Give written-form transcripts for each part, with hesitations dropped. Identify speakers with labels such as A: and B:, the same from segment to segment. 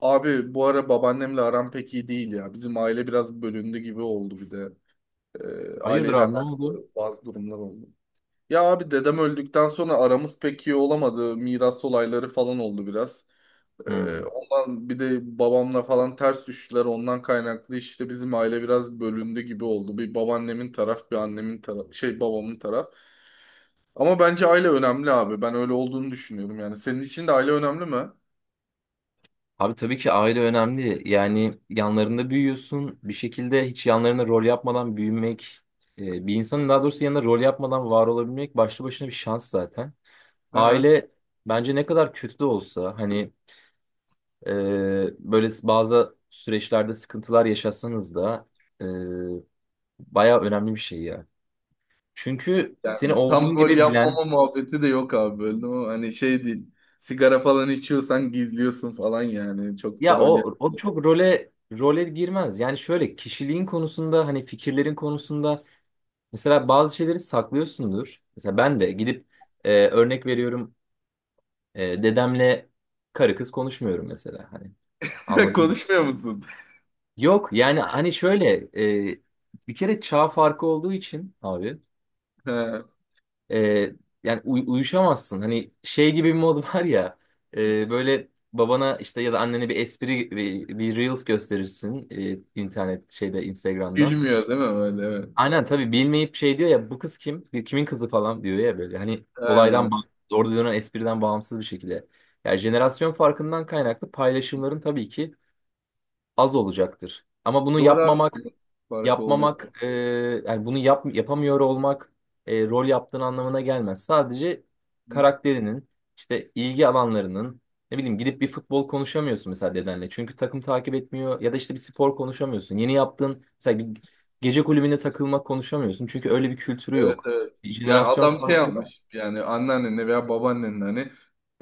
A: Abi bu ara babaannemle aram pek iyi değil ya. Bizim aile biraz bölündü gibi oldu bir de.
B: Hayırdır
A: Aileyle
B: abi ne oldu?
A: alakalı bazı durumlar oldu. Ya abi dedem öldükten sonra aramız pek iyi olamadı. Miras olayları falan oldu biraz.
B: Hmm.
A: Ondan bir de babamla falan ters düştüler. Ondan kaynaklı işte bizim aile biraz bölündü gibi oldu. Bir babaannemin taraf, bir annemin taraf, şey babamın taraf. Ama bence aile önemli abi. Ben öyle olduğunu düşünüyorum yani. Senin için de aile önemli mi?
B: Abi tabii ki aile önemli. Yani yanlarında büyüyorsun. Bir şekilde hiç yanlarında rol yapmadan büyümek, bir insanın daha doğrusu yanında rol yapmadan var olabilmek başlı başına bir şans zaten.
A: Aha.
B: Aile bence ne kadar kötü de olsa hani e, böyle bazı süreçlerde sıkıntılar yaşasanız da e, bayağı önemli bir şey ya. Çünkü seni
A: Yani tam
B: olduğun
A: gol
B: gibi bilen.
A: yapmama muhabbeti de yok abi, böyle o hani şey değil. Sigara falan içiyorsan gizliyorsun falan yani. Çok da
B: Ya
A: rol yap.
B: o çok role girmez. Yani şöyle kişiliğin konusunda hani fikirlerin konusunda mesela bazı şeyleri saklıyorsundur. Mesela ben de gidip örnek veriyorum dedemle karı kız konuşmuyorum mesela hani anladın mı?
A: Konuşmuyor musun?
B: Yok yani hani şöyle e, bir kere çağ farkı olduğu için abi
A: Ha.
B: e, yani uyuşamazsın. Hani şey gibi bir mod var ya böyle babana işte ya da annene bir espri bir Reels gösterirsin, internet şeyde Instagram'dan.
A: Gülmüyor değil mi böyle? Evet.
B: Aynen tabii bilmeyip şey diyor ya, bu kız kim? Kimin kızı falan diyor ya böyle. Hani
A: Ha.
B: olaydan orada dönen espriden bağımsız bir şekilde. Yani jenerasyon farkından kaynaklı paylaşımların tabii ki az olacaktır. Ama bunu
A: Doğru abi.
B: yapmamak
A: Farkı oluyor.
B: yapmamak yani bunu yapamıyor olmak rol yaptığın anlamına gelmez. Sadece
A: Hı?
B: karakterinin, işte ilgi alanlarının, ne bileyim gidip bir futbol konuşamıyorsun mesela dedenle. Çünkü takım takip etmiyor ya da işte bir spor konuşamıyorsun. Yeni yaptığın mesela bir gece kulübüne takılmak konuşamıyorsun. Çünkü öyle bir kültürü
A: Evet,
B: yok.
A: evet.
B: Bir
A: Ya
B: jenerasyon
A: adam şey
B: farkı.
A: yapmış yani anneannenle veya babaannenle hani,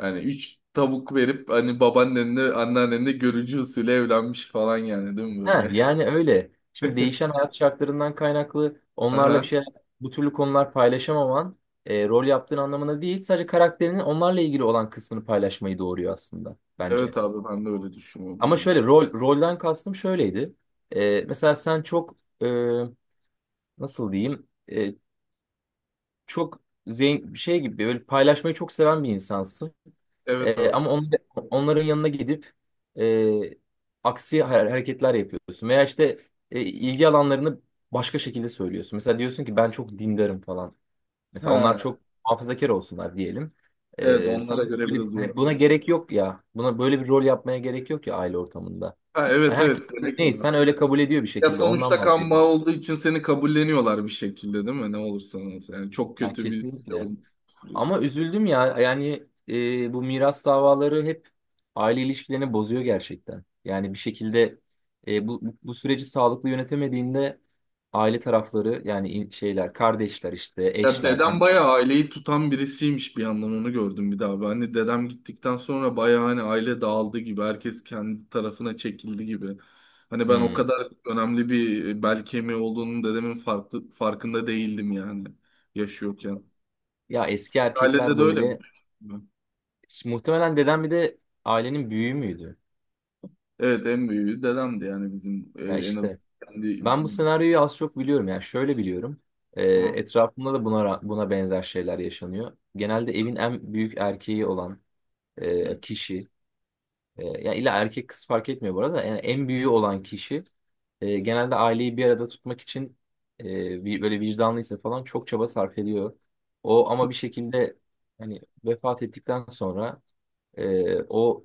A: yani üç tavuk verip hani babaannenle anneannenle görücü usulü evlenmiş falan yani, değil mi
B: Ha,
A: böyle?
B: yani öyle. Şimdi değişen hayat şartlarından kaynaklı onlarla bir
A: Aha.
B: şeyler, bu türlü konular paylaşamaman rol yaptığın anlamına değil, sadece karakterinin onlarla ilgili olan kısmını paylaşmayı doğuruyor aslında bence.
A: Evet abi, ben de öyle düşünüyorum
B: Ama
A: yani.
B: şöyle rolden kastım şöyleydi. Mesela sen çok e, nasıl diyeyim çok zengin şey gibi böyle paylaşmayı çok seven bir insansın.
A: Evet abi.
B: Ama onların yanına gidip e, aksi hareketler yapıyorsun. Veya işte ilgi alanlarını başka şekilde söylüyorsun. Mesela diyorsun ki ben çok dindarım falan. Mesela onlar
A: Ha,
B: çok hafızakar olsunlar diyelim.
A: evet,
B: Sen
A: onlara göre
B: böyle
A: biraz
B: hani buna
A: uyarlıyoruz.
B: gerek yok ya. Buna böyle bir rol yapmaya gerek yok ya aile ortamında.
A: Ha,
B: Yani
A: evet,
B: herkes
A: evet,
B: neyse
A: gerekmiyor.
B: sen öyle kabul ediyor bir
A: Ya
B: şekilde. Ondan
A: sonuçta kan bağı
B: bahsediyorum.
A: olduğu için seni kabulleniyorlar bir şekilde, değil mi? Ne olursa olsun. Yani çok
B: Yani
A: kötü bir şey
B: kesinlikle.
A: olmuş.
B: Ama üzüldüm ya. Yani bu miras davaları hep aile ilişkilerini bozuyor gerçekten. Yani bir şekilde bu süreci sağlıklı yönetemediğinde aile tarafları yani şeyler, kardeşler işte,
A: Ya
B: eşler,
A: dedem
B: an.
A: bayağı aileyi tutan birisiymiş, bir yandan onu gördüm bir daha. Ben hani dedem gittikten sonra bayağı hani aile dağıldı gibi. Herkes kendi tarafına çekildi gibi. Hani ben o
B: Hmm.
A: kadar önemli bir bel kemiği olduğunun dedemin farkında değildim yani yaşıyorken.
B: Ya eski
A: Ailede
B: erkekler
A: de öyle mi?
B: böyle muhtemelen dedem bir de ailenin büyüğü müydü?
A: Evet, en büyüğü dedemdi yani bizim
B: Ya
A: en az
B: işte
A: kendi.
B: ben bu senaryoyu az çok biliyorum. Yani şöyle biliyorum.
A: Ha,
B: Etrafımda da buna buna benzer şeyler yaşanıyor. Genelde evin en büyük erkeği olan kişi. Ya illa erkek kız fark etmiyor bu arada. Yani en büyüğü olan kişi genelde aileyi bir arada tutmak için böyle vicdanlıysa falan çok çaba sarf ediyor. O ama bir şekilde hani vefat ettikten sonra o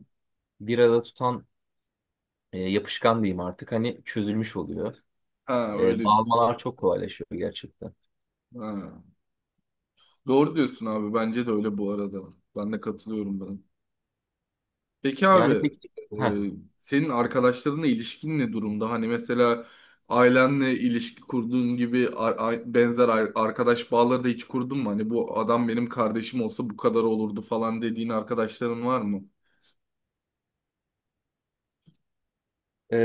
B: bir arada tutan yapışkan diyeyim artık hani çözülmüş oluyor.
A: ha, öyle
B: Dağılmalar çok kolaylaşıyor gerçekten.
A: ha. Doğru diyorsun abi, bence de öyle bu arada. Ben de katılıyorum ben. Peki abi,
B: Yani peki,
A: e,
B: heh,
A: senin arkadaşlarınla ilişkin ne durumda? Hani mesela ailenle ilişki kurduğun gibi benzer arkadaş bağları da hiç kurdun mu? Hani bu adam benim kardeşim olsa bu kadar olurdu falan dediğin arkadaşların var mı?
B: e,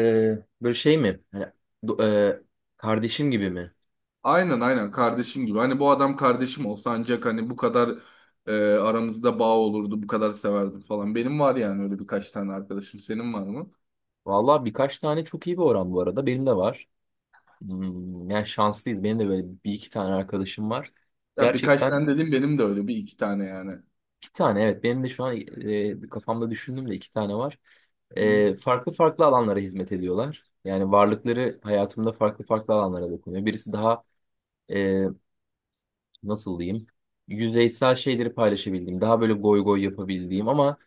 B: böyle şey mi? Hani, do- e, kardeşim gibi mi?
A: Aynen kardeşim gibi. Hani bu adam kardeşim olsa ancak hani bu kadar aramızda bağ olurdu, bu kadar severdim falan. Benim var yani öyle birkaç tane arkadaşım. Senin var mı?
B: Vallahi birkaç tane çok iyi bir oran bu arada. Benim de var. Hmm, yani şanslıyız. Benim de böyle bir iki tane arkadaşım var.
A: Ya birkaç
B: Gerçekten
A: tane dedim, benim de öyle bir iki tane yani.
B: iki tane, evet. Benim de şu an kafamda düşündüm de iki tane var.
A: Hı.
B: Farklı farklı alanlara hizmet ediyorlar. Yani varlıkları hayatımda farklı farklı alanlara dokunuyor. Birisi daha e, nasıl diyeyim yüzeysel şeyleri paylaşabildiğim, daha böyle goy goy yapabildiğim ama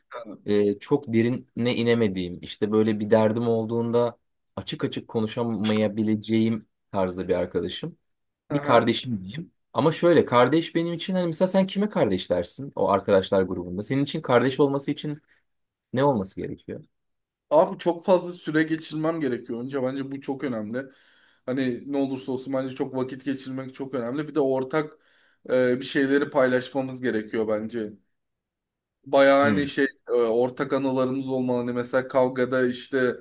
B: çok derine inemediğim, işte böyle bir derdim olduğunda açık açık konuşamayabileceğim tarzda bir arkadaşım. Bir
A: Aha.
B: kardeşim diyeyim. Ama şöyle kardeş benim için hani mesela sen kime kardeş dersin o arkadaşlar grubunda? Senin için kardeş olması için ne olması gerekiyor?
A: Abi çok fazla süre geçirmem gerekiyor önce. Bence bu çok önemli. Hani ne olursa olsun bence çok vakit geçirmek çok önemli. Bir de ortak bir şeyleri paylaşmamız gerekiyor bence. Bayağı hani
B: Hmm,
A: şey, ortak anılarımız olmalı. Hani mesela kavgada işte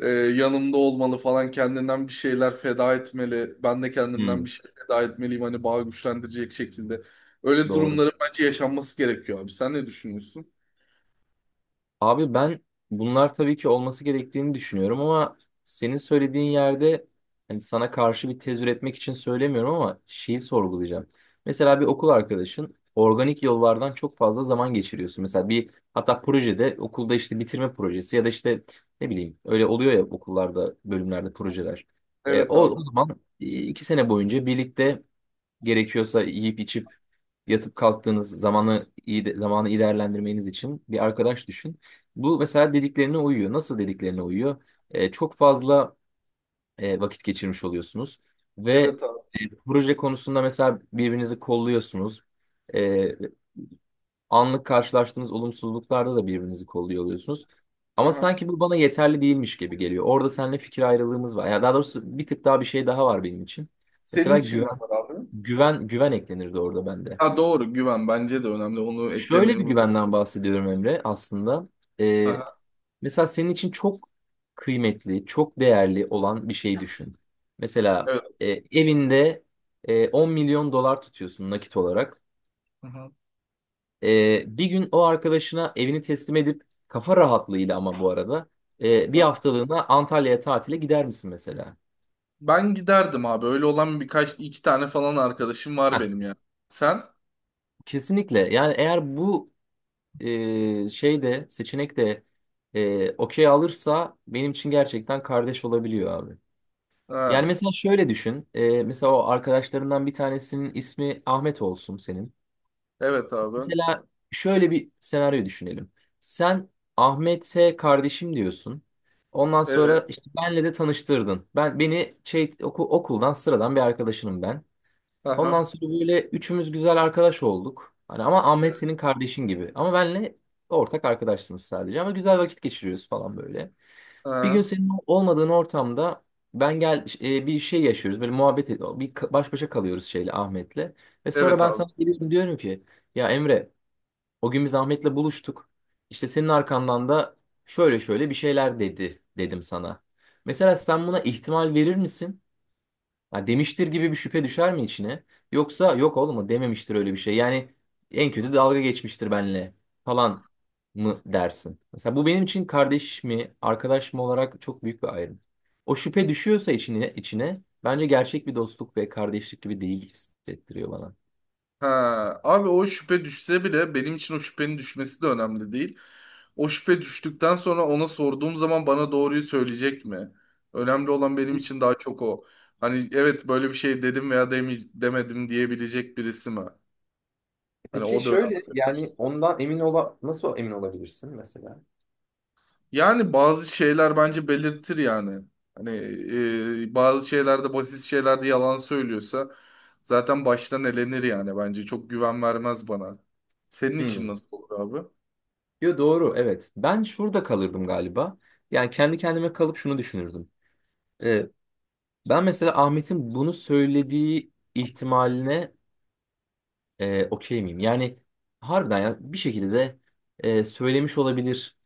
A: yanımda olmalı falan, kendinden bir şeyler feda etmeli. Ben de kendimden
B: hmm,
A: bir şey feda etmeliyim hani bağı güçlendirecek şekilde. Öyle
B: doğru.
A: durumların bence yaşanması gerekiyor abi. Sen ne düşünüyorsun?
B: Abi ben, bunlar tabii ki olması gerektiğini düşünüyorum ama senin söylediğin yerde, hani sana karşı bir tez üretmek için söylemiyorum ama şeyi sorgulayacağım. Mesela bir okul arkadaşın organik yollardan çok fazla zaman geçiriyorsun. Mesela bir hatta projede okulda işte bitirme projesi ya da işte ne bileyim öyle oluyor ya okullarda bölümlerde projeler. E,
A: Evet
B: o,
A: abi.
B: o zaman iki sene boyunca birlikte gerekiyorsa yiyip içip yatıp kalktığınız zamanı zamanı iyi değerlendirmeniz için bir arkadaş düşün. Bu mesela dediklerine uyuyor. Nasıl dediklerine uyuyor? Çok fazla vakit geçirmiş oluyorsunuz ve
A: Evet abi.
B: proje konusunda mesela birbirinizi kolluyorsunuz. Ee, anlık karşılaştığınız olumsuzluklarda da birbirinizi kolluyor oluyorsunuz.
A: Hı
B: Ama
A: hı.
B: sanki bu bana yeterli değilmiş gibi geliyor. Orada seninle fikir ayrılığımız var. Ya daha doğrusu bir tık daha bir şey daha var benim için.
A: Senin
B: Mesela
A: için de
B: güven
A: var abi.
B: güven güven eklenirdi orada bende.
A: Ha, doğru, güven bence de önemli. Onu
B: Şöyle
A: eklemeyi
B: bir
A: unut.
B: güvenden bahsediyorum Emre aslında.
A: Hı
B: Ee,
A: hı.
B: mesela senin için çok kıymetli, çok değerli olan bir şey düşün. Mesela
A: Evet.
B: e, evinde 10 milyon dolar tutuyorsun nakit olarak.
A: Hı hı.
B: Bir gün o arkadaşına evini teslim edip kafa rahatlığıyla ama bu arada
A: Hı
B: bir
A: hı.
B: haftalığına Antalya'ya tatile gider misin mesela?
A: Ben giderdim abi. Öyle olan birkaç iki tane falan arkadaşım var
B: Heh,
A: benim ya. Sen?
B: kesinlikle. Yani eğer bu şey de seçenek de okey alırsa benim için gerçekten kardeş olabiliyor abi. Yani
A: Ha,
B: mesela şöyle düşün. Mesela o arkadaşlarından bir tanesinin ismi Ahmet olsun senin.
A: evet abi.
B: Mesela şöyle bir senaryo düşünelim. Sen Ahmet'e kardeşim diyorsun. Ondan
A: Evet.
B: sonra işte benle de tanıştırdın. Ben beni şey okuldan sıradan bir arkadaşınım ben. Ondan
A: Aha.
B: sonra böyle üçümüz güzel arkadaş olduk. Hani ama Ahmet
A: Evet.
B: senin kardeşin gibi. Ama benle ortak arkadaşsınız sadece. Ama güzel vakit geçiriyoruz falan böyle. Bir gün
A: Aha.
B: senin olmadığın ortamda ben bir şey yaşıyoruz. Böyle muhabbet ediyor. Baş başa kalıyoruz şeyle Ahmet'le. Ve sonra
A: Evet
B: ben
A: abi.
B: sana geliyorum diyorum ki ya Emre, o gün biz Ahmet'le buluştuk. İşte senin arkandan da şöyle şöyle bir şeyler dedi dedim sana. Mesela sen buna ihtimal verir misin? Ha, demiştir gibi bir şüphe düşer mi içine? Yoksa yok oğlum o dememiştir öyle bir şey. Yani en kötü dalga geçmiştir benle falan mı dersin? Mesela bu benim için kardeş mi, arkadaş mı olarak çok büyük bir ayrım. O şüphe düşüyorsa içine, içine bence gerçek bir dostluk ve kardeşlik gibi değil hissettiriyor bana.
A: Ha. Abi o şüphe düşse bile benim için o şüphenin düşmesi de önemli değil. O şüphe düştükten sonra ona sorduğum zaman bana doğruyu söyleyecek mi? Önemli olan benim için daha çok o. Hani evet böyle bir şey dedim veya demedim diyebilecek birisi mi? Hani
B: Peki
A: o da önemli.
B: şöyle yani ondan emin ola nasıl emin olabilirsin mesela?
A: Yani bazı şeyler bence belirtir yani. Hani bazı şeylerde, basit şeylerde yalan söylüyorsa zaten baştan elenir yani bence. Çok güven vermez bana. Senin için
B: Hmm.
A: nasıl olur abi?
B: Yo doğru evet. Ben şurada kalırdım galiba. Yani kendi kendime kalıp şunu düşünürdüm. Ben mesela Ahmet'in bunu söylediği ihtimaline okey miyim? Yani harbiden ya bir şekilde de söylemiş olabilir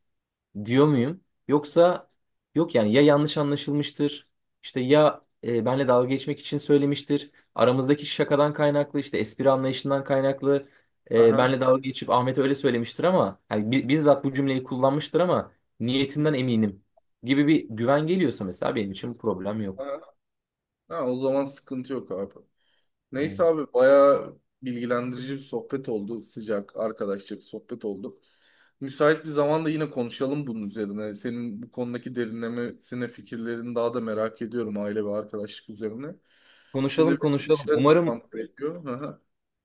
B: diyor muyum? Yoksa yok yani ya yanlış anlaşılmıştır işte ya benle dalga geçmek için söylemiştir. Aramızdaki şakadan kaynaklı işte espri anlayışından kaynaklı
A: Aha.
B: benle dalga geçip Ahmet'e öyle söylemiştir ama yani bizzat bu cümleyi kullanmıştır ama niyetinden eminim gibi bir güven geliyorsa mesela benim için problem yok.
A: Aha. Ha, o zaman sıkıntı yok abi. Neyse
B: Yani
A: abi, bayağı bilgilendirici bir sohbet oldu. Sıcak, arkadaşça bir sohbet oldu. Müsait bir zamanda yine konuşalım bunun üzerine. Senin bu konudaki derinlemesine fikirlerini daha da merak ediyorum, aile ve arkadaşlık üzerine. Şimdi
B: konuşalım,
A: benim bir
B: konuşalım.
A: dışarı
B: Umarım
A: çıkmam gerekiyor. Hı hı.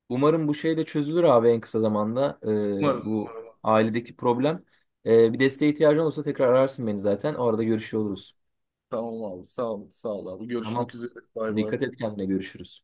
B: umarım bu şey de çözülür abi en kısa zamanda.
A: Umarım,
B: Bu
A: umarım.
B: ailedeki problem. Bir desteğe ihtiyacın olursa tekrar ararsın beni zaten. O arada görüşüyor oluruz.
A: Tamam abi, sağ ol, sağ ol abi. Görüşmek
B: Tamam.
A: üzere. Bay bay.
B: Dikkat et kendine, görüşürüz.